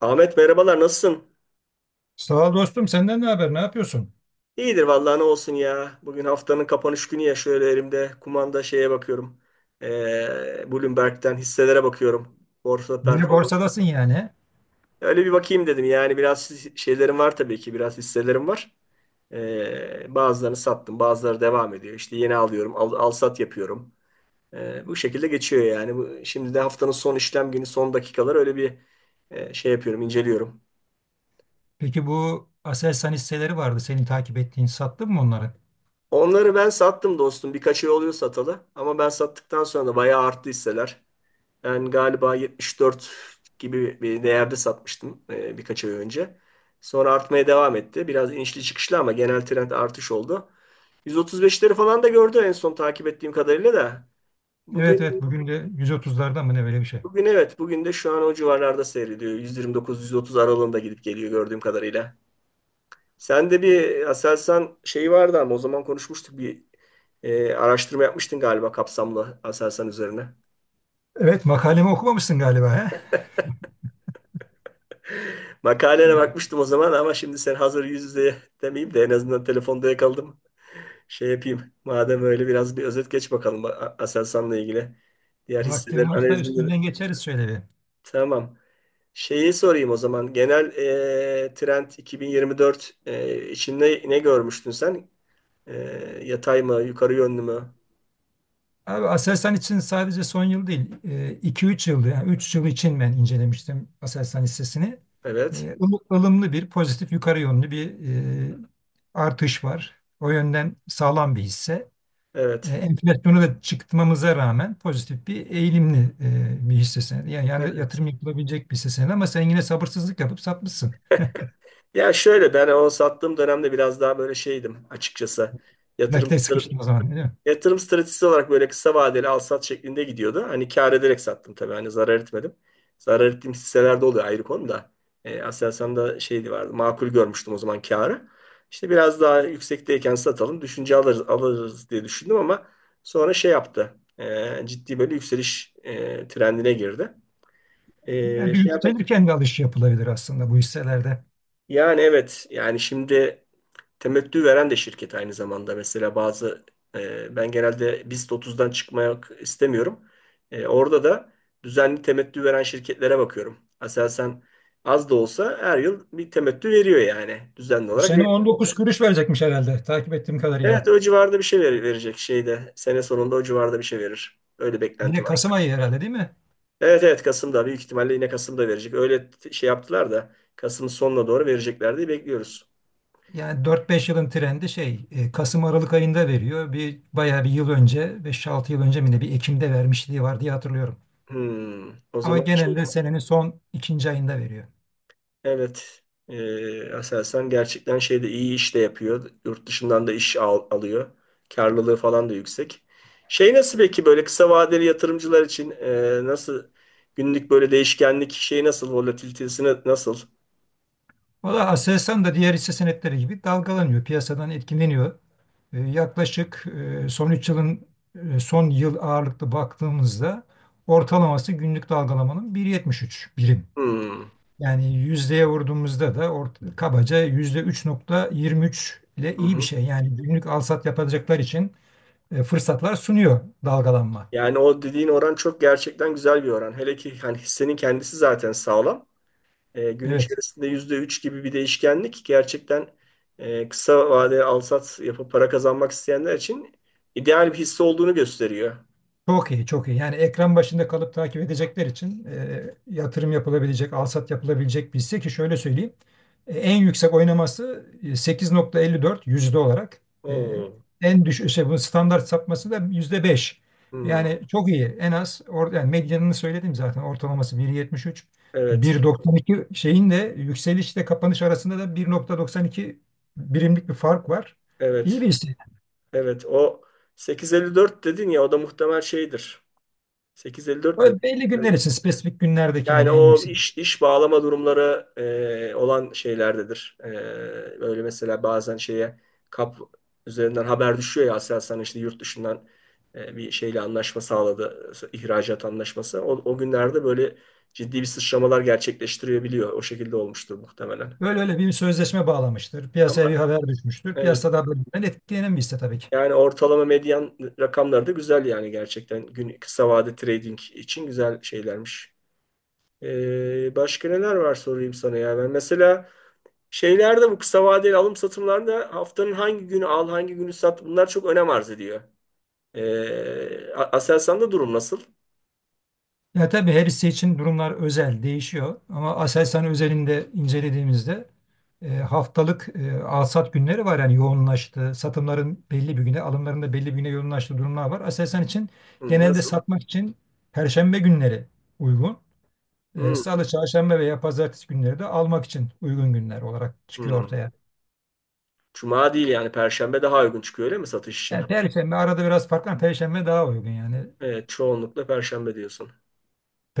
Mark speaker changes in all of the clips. Speaker 1: Ahmet merhabalar, nasılsın?
Speaker 2: Sağ ol dostum. Senden ne haber? Ne yapıyorsun?
Speaker 1: İyidir vallahi, ne olsun ya. Bugün haftanın kapanış günü ya, şöyle elimde kumanda şeye bakıyorum. Bloomberg'den hisselere bakıyorum. Borsa
Speaker 2: Yine
Speaker 1: performans.
Speaker 2: borsadasın yani.
Speaker 1: Öyle bir bakayım dedim yani, biraz şeylerim var tabii ki, biraz hisselerim var. Bazılarını sattım, bazıları devam ediyor. İşte yeni alıyorum, al sat yapıyorum. Bu şekilde geçiyor yani. Bu, şimdi de haftanın son işlem günü, son dakikalar öyle bir şey yapıyorum, inceliyorum.
Speaker 2: Peki, bu Aselsan hisseleri vardı. Senin takip ettiğin. Sattın mı onları?
Speaker 1: Onları ben sattım dostum. Birkaç ay oluyor satalı. Ama ben sattıktan sonra da bayağı arttı hisseler. Ben galiba 74 gibi bir değerde satmıştım birkaç ay önce. Sonra artmaya devam etti. Biraz inişli çıkışlı ama genel trend artış oldu. 135'leri falan da gördü en son takip ettiğim kadarıyla da.
Speaker 2: Evet
Speaker 1: Bugün
Speaker 2: evet. Bugün de 130'larda mı ne, böyle bir şey.
Speaker 1: bugün. Evet, bugün de şu an o civarlarda seyrediyor. 129-130 aralığında gidip geliyor gördüğüm kadarıyla. Sen de bir Aselsan şeyi vardı ama o zaman konuşmuştuk, bir araştırma yapmıştın galiba kapsamlı Aselsan üzerine.
Speaker 2: Evet, makalemi okumamışsın galiba, he?
Speaker 1: Makalene
Speaker 2: Evet.
Speaker 1: bakmıştım o zaman ama şimdi sen hazır, yüz yüze demeyeyim de en azından telefonda yakaladım. Şey yapayım. Madem öyle, biraz bir özet geç bakalım Aselsan'la ilgili. Diğer hisseler
Speaker 2: Vaktin varsa
Speaker 1: analizini.
Speaker 2: üstünden geçeriz şöyle bir.
Speaker 1: Tamam. Şeyi sorayım o zaman. Genel trend 2024 için, ne görmüştün sen? E, Yatay mı, yukarı yönlü mü?
Speaker 2: Abi, Aselsan için sadece son yıl değil, iki üç yıldı. Yani 3 yıl için ben incelemiştim Aselsan hissesini.
Speaker 1: Evet.
Speaker 2: E, ılım- ılımlı bir pozitif yukarı yönlü bir e, artış var. O yönden sağlam bir hisse. e,
Speaker 1: Evet.
Speaker 2: enflasyonu da çıktmamıza rağmen pozitif bir eğilimli bir hisse senedi. Yani
Speaker 1: Evet.
Speaker 2: yatırım yapılabilecek bir hisse senedi ama sen yine sabırsızlık yapıp satmışsın.
Speaker 1: Ya şöyle, ben o sattığım dönemde biraz daha böyle şeydim açıkçası. Yatırım
Speaker 2: Nakite sıkıştın o zaman, değil mi?
Speaker 1: yatırım stratejisi olarak böyle kısa vadeli al sat şeklinde gidiyordu. Hani kâr ederek sattım tabii. Hani zarar etmedim. Zarar ettiğim hisselerde oluyor, ayrı konu da. Aselsan'da şeydi vardı. Makul görmüştüm o zaman kârı. İşte biraz daha yüksekteyken satalım. Düşünce alırız diye düşündüm ama sonra şey yaptı. Ciddi böyle yükseliş trendine girdi.
Speaker 2: Yani
Speaker 1: Şey yapalım.
Speaker 2: yükselirken de alış yapılabilir aslında bu hisselerde.
Speaker 1: Yani evet, yani şimdi temettü veren de şirket aynı zamanda. Mesela bazı ben genelde BIST 30'dan çıkmak istemiyorum. Orada da düzenli temettü veren şirketlere bakıyorum. Aselsan az da olsa her yıl bir temettü veriyor yani düzenli
Speaker 2: Bu
Speaker 1: olarak
Speaker 2: sene
Speaker 1: veriyor.
Speaker 2: 19 kuruş verecekmiş herhalde, takip ettiğim
Speaker 1: Evet,
Speaker 2: kadarıyla.
Speaker 1: o civarda bir şey verecek şeyde. Sene sonunda o civarda bir şey verir. Öyle beklenti
Speaker 2: Yine
Speaker 1: var.
Speaker 2: Kasım ayı herhalde, değil mi?
Speaker 1: Evet, evet. Kasım'da büyük ihtimalle yine Kasım'da verecek. Öyle şey yaptılar da Kasım'ın sonuna doğru verecekler diye bekliyoruz.
Speaker 2: Yani 4-5 yılın trendi şey Kasım Aralık ayında veriyor. Bir bayağı bir yıl önce 5-6 yıl önce mi ne, bir Ekim'de vermişliği var diye hatırlıyorum.
Speaker 1: O
Speaker 2: Ama
Speaker 1: zaman şey.
Speaker 2: genelde senenin son ikinci ayında veriyor.
Speaker 1: Evet. Aselsan gerçekten şeyde iyi iş de yapıyor. Yurt dışından da iş alıyor. Karlılığı falan da yüksek. Şey nasıl peki, böyle kısa vadeli yatırımcılar için nasıl, günlük böyle değişkenlik şeyi nasıl, volatilitesi nasıl?
Speaker 2: Valla, Aselsan da diğer hisse senetleri gibi dalgalanıyor, piyasadan etkileniyor. Yaklaşık son 3 yılın, son yıl ağırlıklı baktığımızda ortalaması günlük dalgalamanın 1,73 birim.
Speaker 1: Hmm.
Speaker 2: Yani yüzdeye vurduğumuzda da kabaca %3,23 ile
Speaker 1: Hı
Speaker 2: iyi bir
Speaker 1: hı.
Speaker 2: şey. Yani günlük alsat yapacaklar için fırsatlar sunuyor dalgalanma.
Speaker 1: Yani o dediğin oran çok gerçekten güzel bir oran. Hele ki hani hissenin kendisi zaten sağlam. Gün
Speaker 2: Evet.
Speaker 1: içerisinde %3 gibi bir değişkenlik gerçekten kısa vadeli alsat yapıp para kazanmak isteyenler için ideal bir hisse olduğunu gösteriyor.
Speaker 2: Çok iyi, çok iyi. Yani ekran başında kalıp takip edecekler için yatırım yapılabilecek, alsat yapılabilecek bir hisse, ki şöyle söyleyeyim. En yüksek oynaması %8,54 olarak. E,
Speaker 1: Oo.
Speaker 2: en düşük şey, bunun standart sapması da %5.
Speaker 1: Hmm.
Speaker 2: Yani çok iyi. Yani medyanını söyledim zaten, ortalaması 1,73.
Speaker 1: Evet,
Speaker 2: 1,92 şeyin de yükselişle kapanış arasında da 1,92 birimlik bir fark var. İyi
Speaker 1: evet,
Speaker 2: bir hisse.
Speaker 1: evet. O 8,54 dedin ya, o da muhtemel şeydir. 8,54 mi?
Speaker 2: Böyle belli günler için, spesifik günlerdeki
Speaker 1: Yani
Speaker 2: yani en
Speaker 1: o
Speaker 2: yüksek.
Speaker 1: iş bağlama durumları olan şeylerdedir. Böyle mesela bazen şeye kap üzerinden haber düşüyor ya, Aselsan işte yurt dışından bir şeyle anlaşma sağladı, ihracat anlaşması. O günlerde böyle ciddi bir sıçramalar gerçekleştirebiliyor. O şekilde olmuştur muhtemelen.
Speaker 2: Öyle, öyle bir sözleşme bağlamıştır. Piyasaya bir
Speaker 1: Ama
Speaker 2: haber düşmüştür.
Speaker 1: evet,
Speaker 2: Piyasada bölümden etkilenen bir hisse, tabii ki.
Speaker 1: yani ortalama medyan rakamları da güzel yani, gerçekten gün kısa vade trading için güzel şeylermiş. Başka neler var sorayım sana, ya ben mesela şeylerde bu kısa vadeli alım satımlarında haftanın hangi günü al, hangi günü sat, bunlar çok önem arz ediyor. Aselsan'da durum nasıl?
Speaker 2: Ya tabii, her hisse için durumlar özel, değişiyor. Ama Aselsan özelinde incelediğimizde haftalık alsat günleri var. Yani yoğunlaştı. Satımların belli bir güne, alımların da belli bir güne yoğunlaştığı durumlar var. Aselsan için
Speaker 1: Hı,
Speaker 2: genelde
Speaker 1: nasıl?
Speaker 2: satmak için Perşembe günleri uygun.
Speaker 1: Hı,
Speaker 2: Salı, Çarşamba veya Pazartesi günleri de almak için uygun günler olarak çıkıyor
Speaker 1: hı.
Speaker 2: ortaya.
Speaker 1: Cuma değil yani, Perşembe daha uygun çıkıyor öyle mi satış için?
Speaker 2: Yani Perşembe arada biraz farklı ama Perşembe daha uygun yani.
Speaker 1: Evet, çoğunlukla Perşembe diyorsun.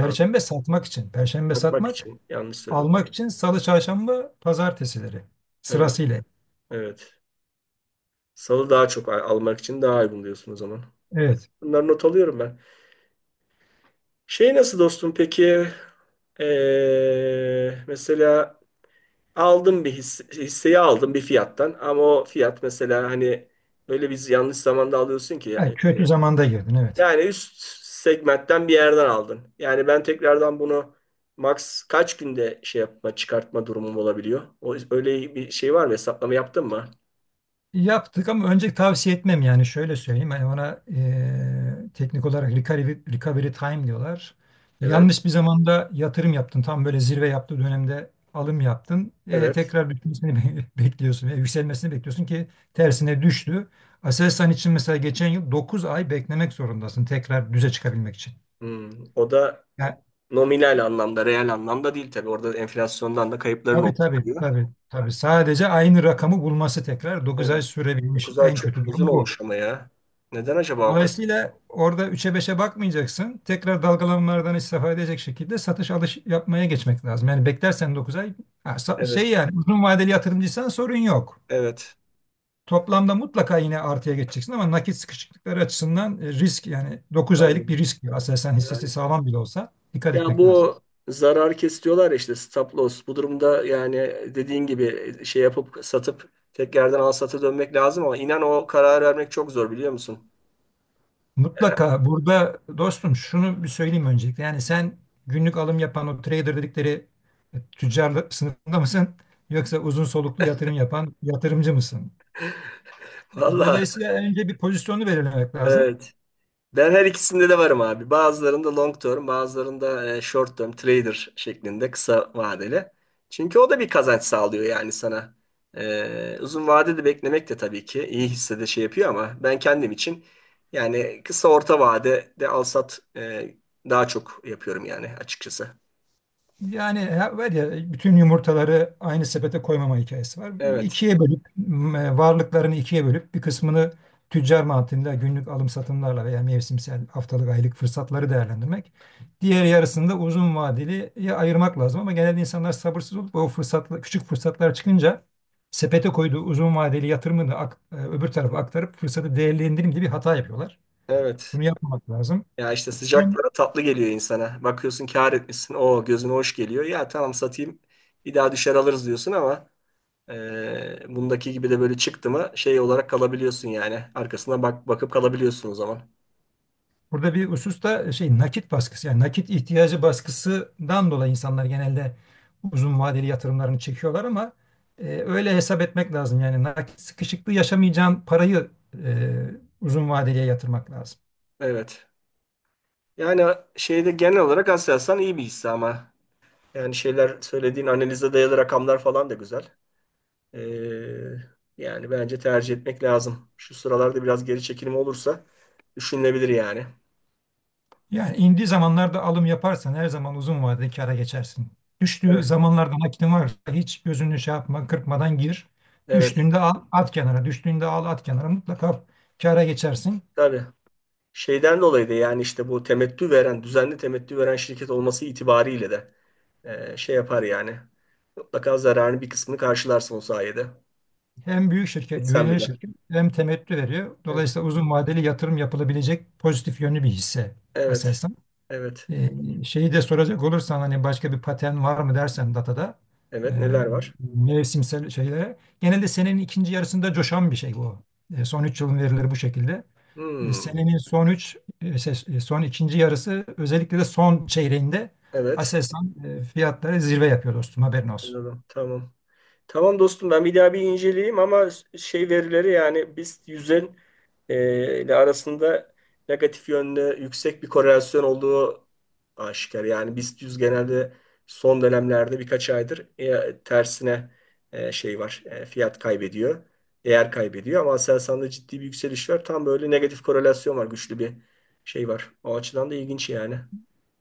Speaker 1: Abi,
Speaker 2: satmak için. Perşembe
Speaker 1: satmak
Speaker 2: satmak,
Speaker 1: için yanlış söyledim.
Speaker 2: almak için Salı, Çarşamba, Pazartesileri
Speaker 1: Evet,
Speaker 2: sırasıyla.
Speaker 1: evet. Salı daha çok almak için daha uygun diyorsun o zaman.
Speaker 2: Evet.
Speaker 1: Bunları not alıyorum ben. Şey nasıl dostum peki? Mesela aldım bir hisse, hisseyi aldım bir fiyattan ama o fiyat mesela hani, öyle biz yanlış zamanda alıyorsun ki
Speaker 2: Yani kötü zamanda girdin, evet.
Speaker 1: yani üst segmentten bir yerden aldın. Yani ben tekrardan bunu max kaç günde şey yapma, çıkartma durumum olabiliyor? O, öyle bir şey var mı? Hesaplama yaptın mı?
Speaker 2: Yaptık ama önce tavsiye etmem, yani şöyle söyleyeyim. Hani ona teknik olarak recovery time diyorlar.
Speaker 1: Evet.
Speaker 2: Yanlış bir zamanda yatırım yaptın. Tam böyle zirve yaptığı dönemde alım yaptın. Eee,
Speaker 1: Evet.
Speaker 2: tekrar düşmesini bekliyorsun. Veya yükselmesini bekliyorsun ki tersine düştü. Aselsan için mesela geçen yıl 9 ay beklemek zorundasın tekrar düze çıkabilmek için.
Speaker 1: O da
Speaker 2: Yani
Speaker 1: nominal anlamda, reel anlamda değil tabii. Orada enflasyondan da kayıpların
Speaker 2: tabii,
Speaker 1: olmuş
Speaker 2: tabii,
Speaker 1: oluyor.
Speaker 2: tabii, tabii. Sadece aynı rakamı bulması tekrar 9 ay
Speaker 1: Evet.
Speaker 2: sürebilmiş,
Speaker 1: 9 ay
Speaker 2: en
Speaker 1: çok
Speaker 2: kötü
Speaker 1: uzun
Speaker 2: durum bu.
Speaker 1: olmuş ama ya. Neden acaba o kadar?
Speaker 2: Dolayısıyla orada üç'e beşe bakmayacaksın. Tekrar dalgalanmalardan istifade edecek şekilde satış alış yapmaya geçmek lazım. Yani beklersen 9 ay, şey,
Speaker 1: Evet.
Speaker 2: yani uzun vadeli yatırımcıysan sorun yok.
Speaker 1: Evet.
Speaker 2: Toplamda mutlaka yine artıya geçeceksin ama nakit sıkışıklıkları açısından risk, yani 9 aylık bir
Speaker 1: Anladım.
Speaker 2: risk. Aslında sen,
Speaker 1: Yani
Speaker 2: hissesi sağlam bile olsa dikkat
Speaker 1: ya,
Speaker 2: etmek lazım.
Speaker 1: bu zarar kesiyorlar işte, stop loss. Bu durumda yani dediğin gibi şey yapıp satıp tekrardan al sata dönmek lazım ama inan, o karar vermek çok zor, biliyor musun? Yani,
Speaker 2: Mutlaka burada dostum şunu bir söyleyeyim öncelikle. Yani sen günlük alım yapan o trader dedikleri tüccar sınıfında mısın? Yoksa uzun soluklu yatırım yapan yatırımcı mısın?
Speaker 1: vallahi
Speaker 2: Dolayısıyla önce bir pozisyonu belirlemek lazım.
Speaker 1: evet. Ben her ikisinde de varım abi. Bazılarında long term, bazılarında short term trader şeklinde, kısa vadeli. Çünkü o da bir kazanç sağlıyor yani sana. Uzun vadede beklemek de tabii ki iyi hissede şey yapıyor ama ben kendim için yani kısa orta vadede al sat daha çok yapıyorum yani açıkçası.
Speaker 2: Yani var ya, bütün yumurtaları aynı sepete koymama hikayesi var.
Speaker 1: Evet,
Speaker 2: İkiye bölüp varlıklarını ikiye bölüp bir kısmını tüccar mantığında günlük alım satımlarla veya mevsimsel, haftalık, aylık fırsatları değerlendirmek. Diğer yarısını da uzun vadeli ya ayırmak lazım ama genelde insanlar sabırsız olup o fırsatla, küçük fırsatlar çıkınca sepete koyduğu uzun vadeli yatırımını öbür tarafa aktarıp fırsatı değerlendireyim diye bir hata yapıyorlar.
Speaker 1: evet.
Speaker 2: Bunu yapmamak lazım.
Speaker 1: Ya işte sıcak para tatlı geliyor insana. Bakıyorsun kâr etmişsin. O gözüne hoş geliyor. Ya tamam, satayım. Bir daha düşer, alırız diyorsun ama bundaki gibi de böyle çıktı mı şey olarak kalabiliyorsun yani. Arkasına bak bakıp kalabiliyorsun o zaman.
Speaker 2: Burada bir husus da şey, nakit baskısı, yani nakit ihtiyacı baskısından dolayı insanlar genelde uzun vadeli yatırımlarını çekiyorlar ama öyle hesap etmek lazım. Yani nakit sıkışıklığı yaşamayacağın parayı e, uzun vadeliye yatırmak lazım.
Speaker 1: Evet. Yani şeyde genel olarak Aselsan iyi bir hisse ama yani şeyler söylediğin, analize dayalı rakamlar falan da güzel. Ee, Yani bence tercih etmek lazım. Şu sıralarda biraz geri çekilme olursa düşünülebilir yani.
Speaker 2: Yani indiği zamanlarda alım yaparsan her zaman uzun vadede kâra geçersin. Düştüğü
Speaker 1: Evet.
Speaker 2: zamanlarda nakitin varsa hiç gözünü şey yapma, kırpmadan gir.
Speaker 1: Evet.
Speaker 2: Düştüğünde al, at kenara; düştüğünde al, at kenara, mutlaka kâra geçersin.
Speaker 1: Tabii. Şeyden dolayı da yani işte bu temettü veren, düzenli temettü veren şirket olması itibariyle de şey yapar yani. Mutlaka zararın bir kısmını karşılarsın o sayede.
Speaker 2: Hem büyük şirket,
Speaker 1: Etsen
Speaker 2: güvenilir
Speaker 1: bile.
Speaker 2: şirket, hem temettü veriyor.
Speaker 1: Evet.
Speaker 2: Dolayısıyla uzun vadeli yatırım yapılabilecek pozitif yönlü bir hisse
Speaker 1: Evet.
Speaker 2: Aselsan.
Speaker 1: Evet.
Speaker 2: Ee, şeyi de soracak olursan, hani başka bir patern var mı dersen datada, e,
Speaker 1: Evet. Neler var?
Speaker 2: mevsimsel şeylere. Genelde senenin ikinci yarısında coşan bir şey bu. Son 3 yılın verileri bu şekilde. E,
Speaker 1: Hmm.
Speaker 2: senenin son ikinci yarısı, özellikle de son çeyreğinde,
Speaker 1: Evet.
Speaker 2: Aselsan fiyatları zirve yapıyor dostum, haberin olsun.
Speaker 1: Anladım. Tamam. Tamam dostum, ben bir daha bir inceleyeyim ama şey, verileri yani biz yüzün ile arasında negatif yönde yüksek bir korelasyon olduğu aşikar. Yani BIST 100 genelde son dönemlerde birkaç aydır tersine şey var, fiyat kaybediyor. Değer kaybediyor ama Aselsan'da ciddi bir yükseliş var. Tam böyle negatif korelasyon var, güçlü bir şey var. O açıdan da ilginç yani.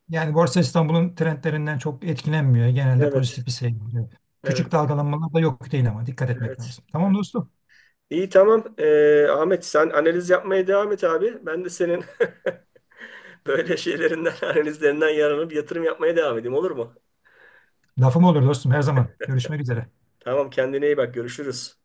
Speaker 2: Yani Borsa İstanbul'un trendlerinden çok etkilenmiyor. Genelde
Speaker 1: Evet,
Speaker 2: pozitif bir seyrediyor. Küçük
Speaker 1: evet,
Speaker 2: dalgalanmalar da yok değil ama dikkat etmek
Speaker 1: evet.
Speaker 2: lazım. Tamam dostum.
Speaker 1: İyi tamam. Ahmet, sen analiz yapmaya devam et abi. Ben de senin böyle şeylerinden, analizlerinden yararlanıp yatırım yapmaya devam edeyim, olur mu?
Speaker 2: Lafım olur dostum, her zaman. Görüşmek üzere.
Speaker 1: Tamam, kendine iyi bak, görüşürüz.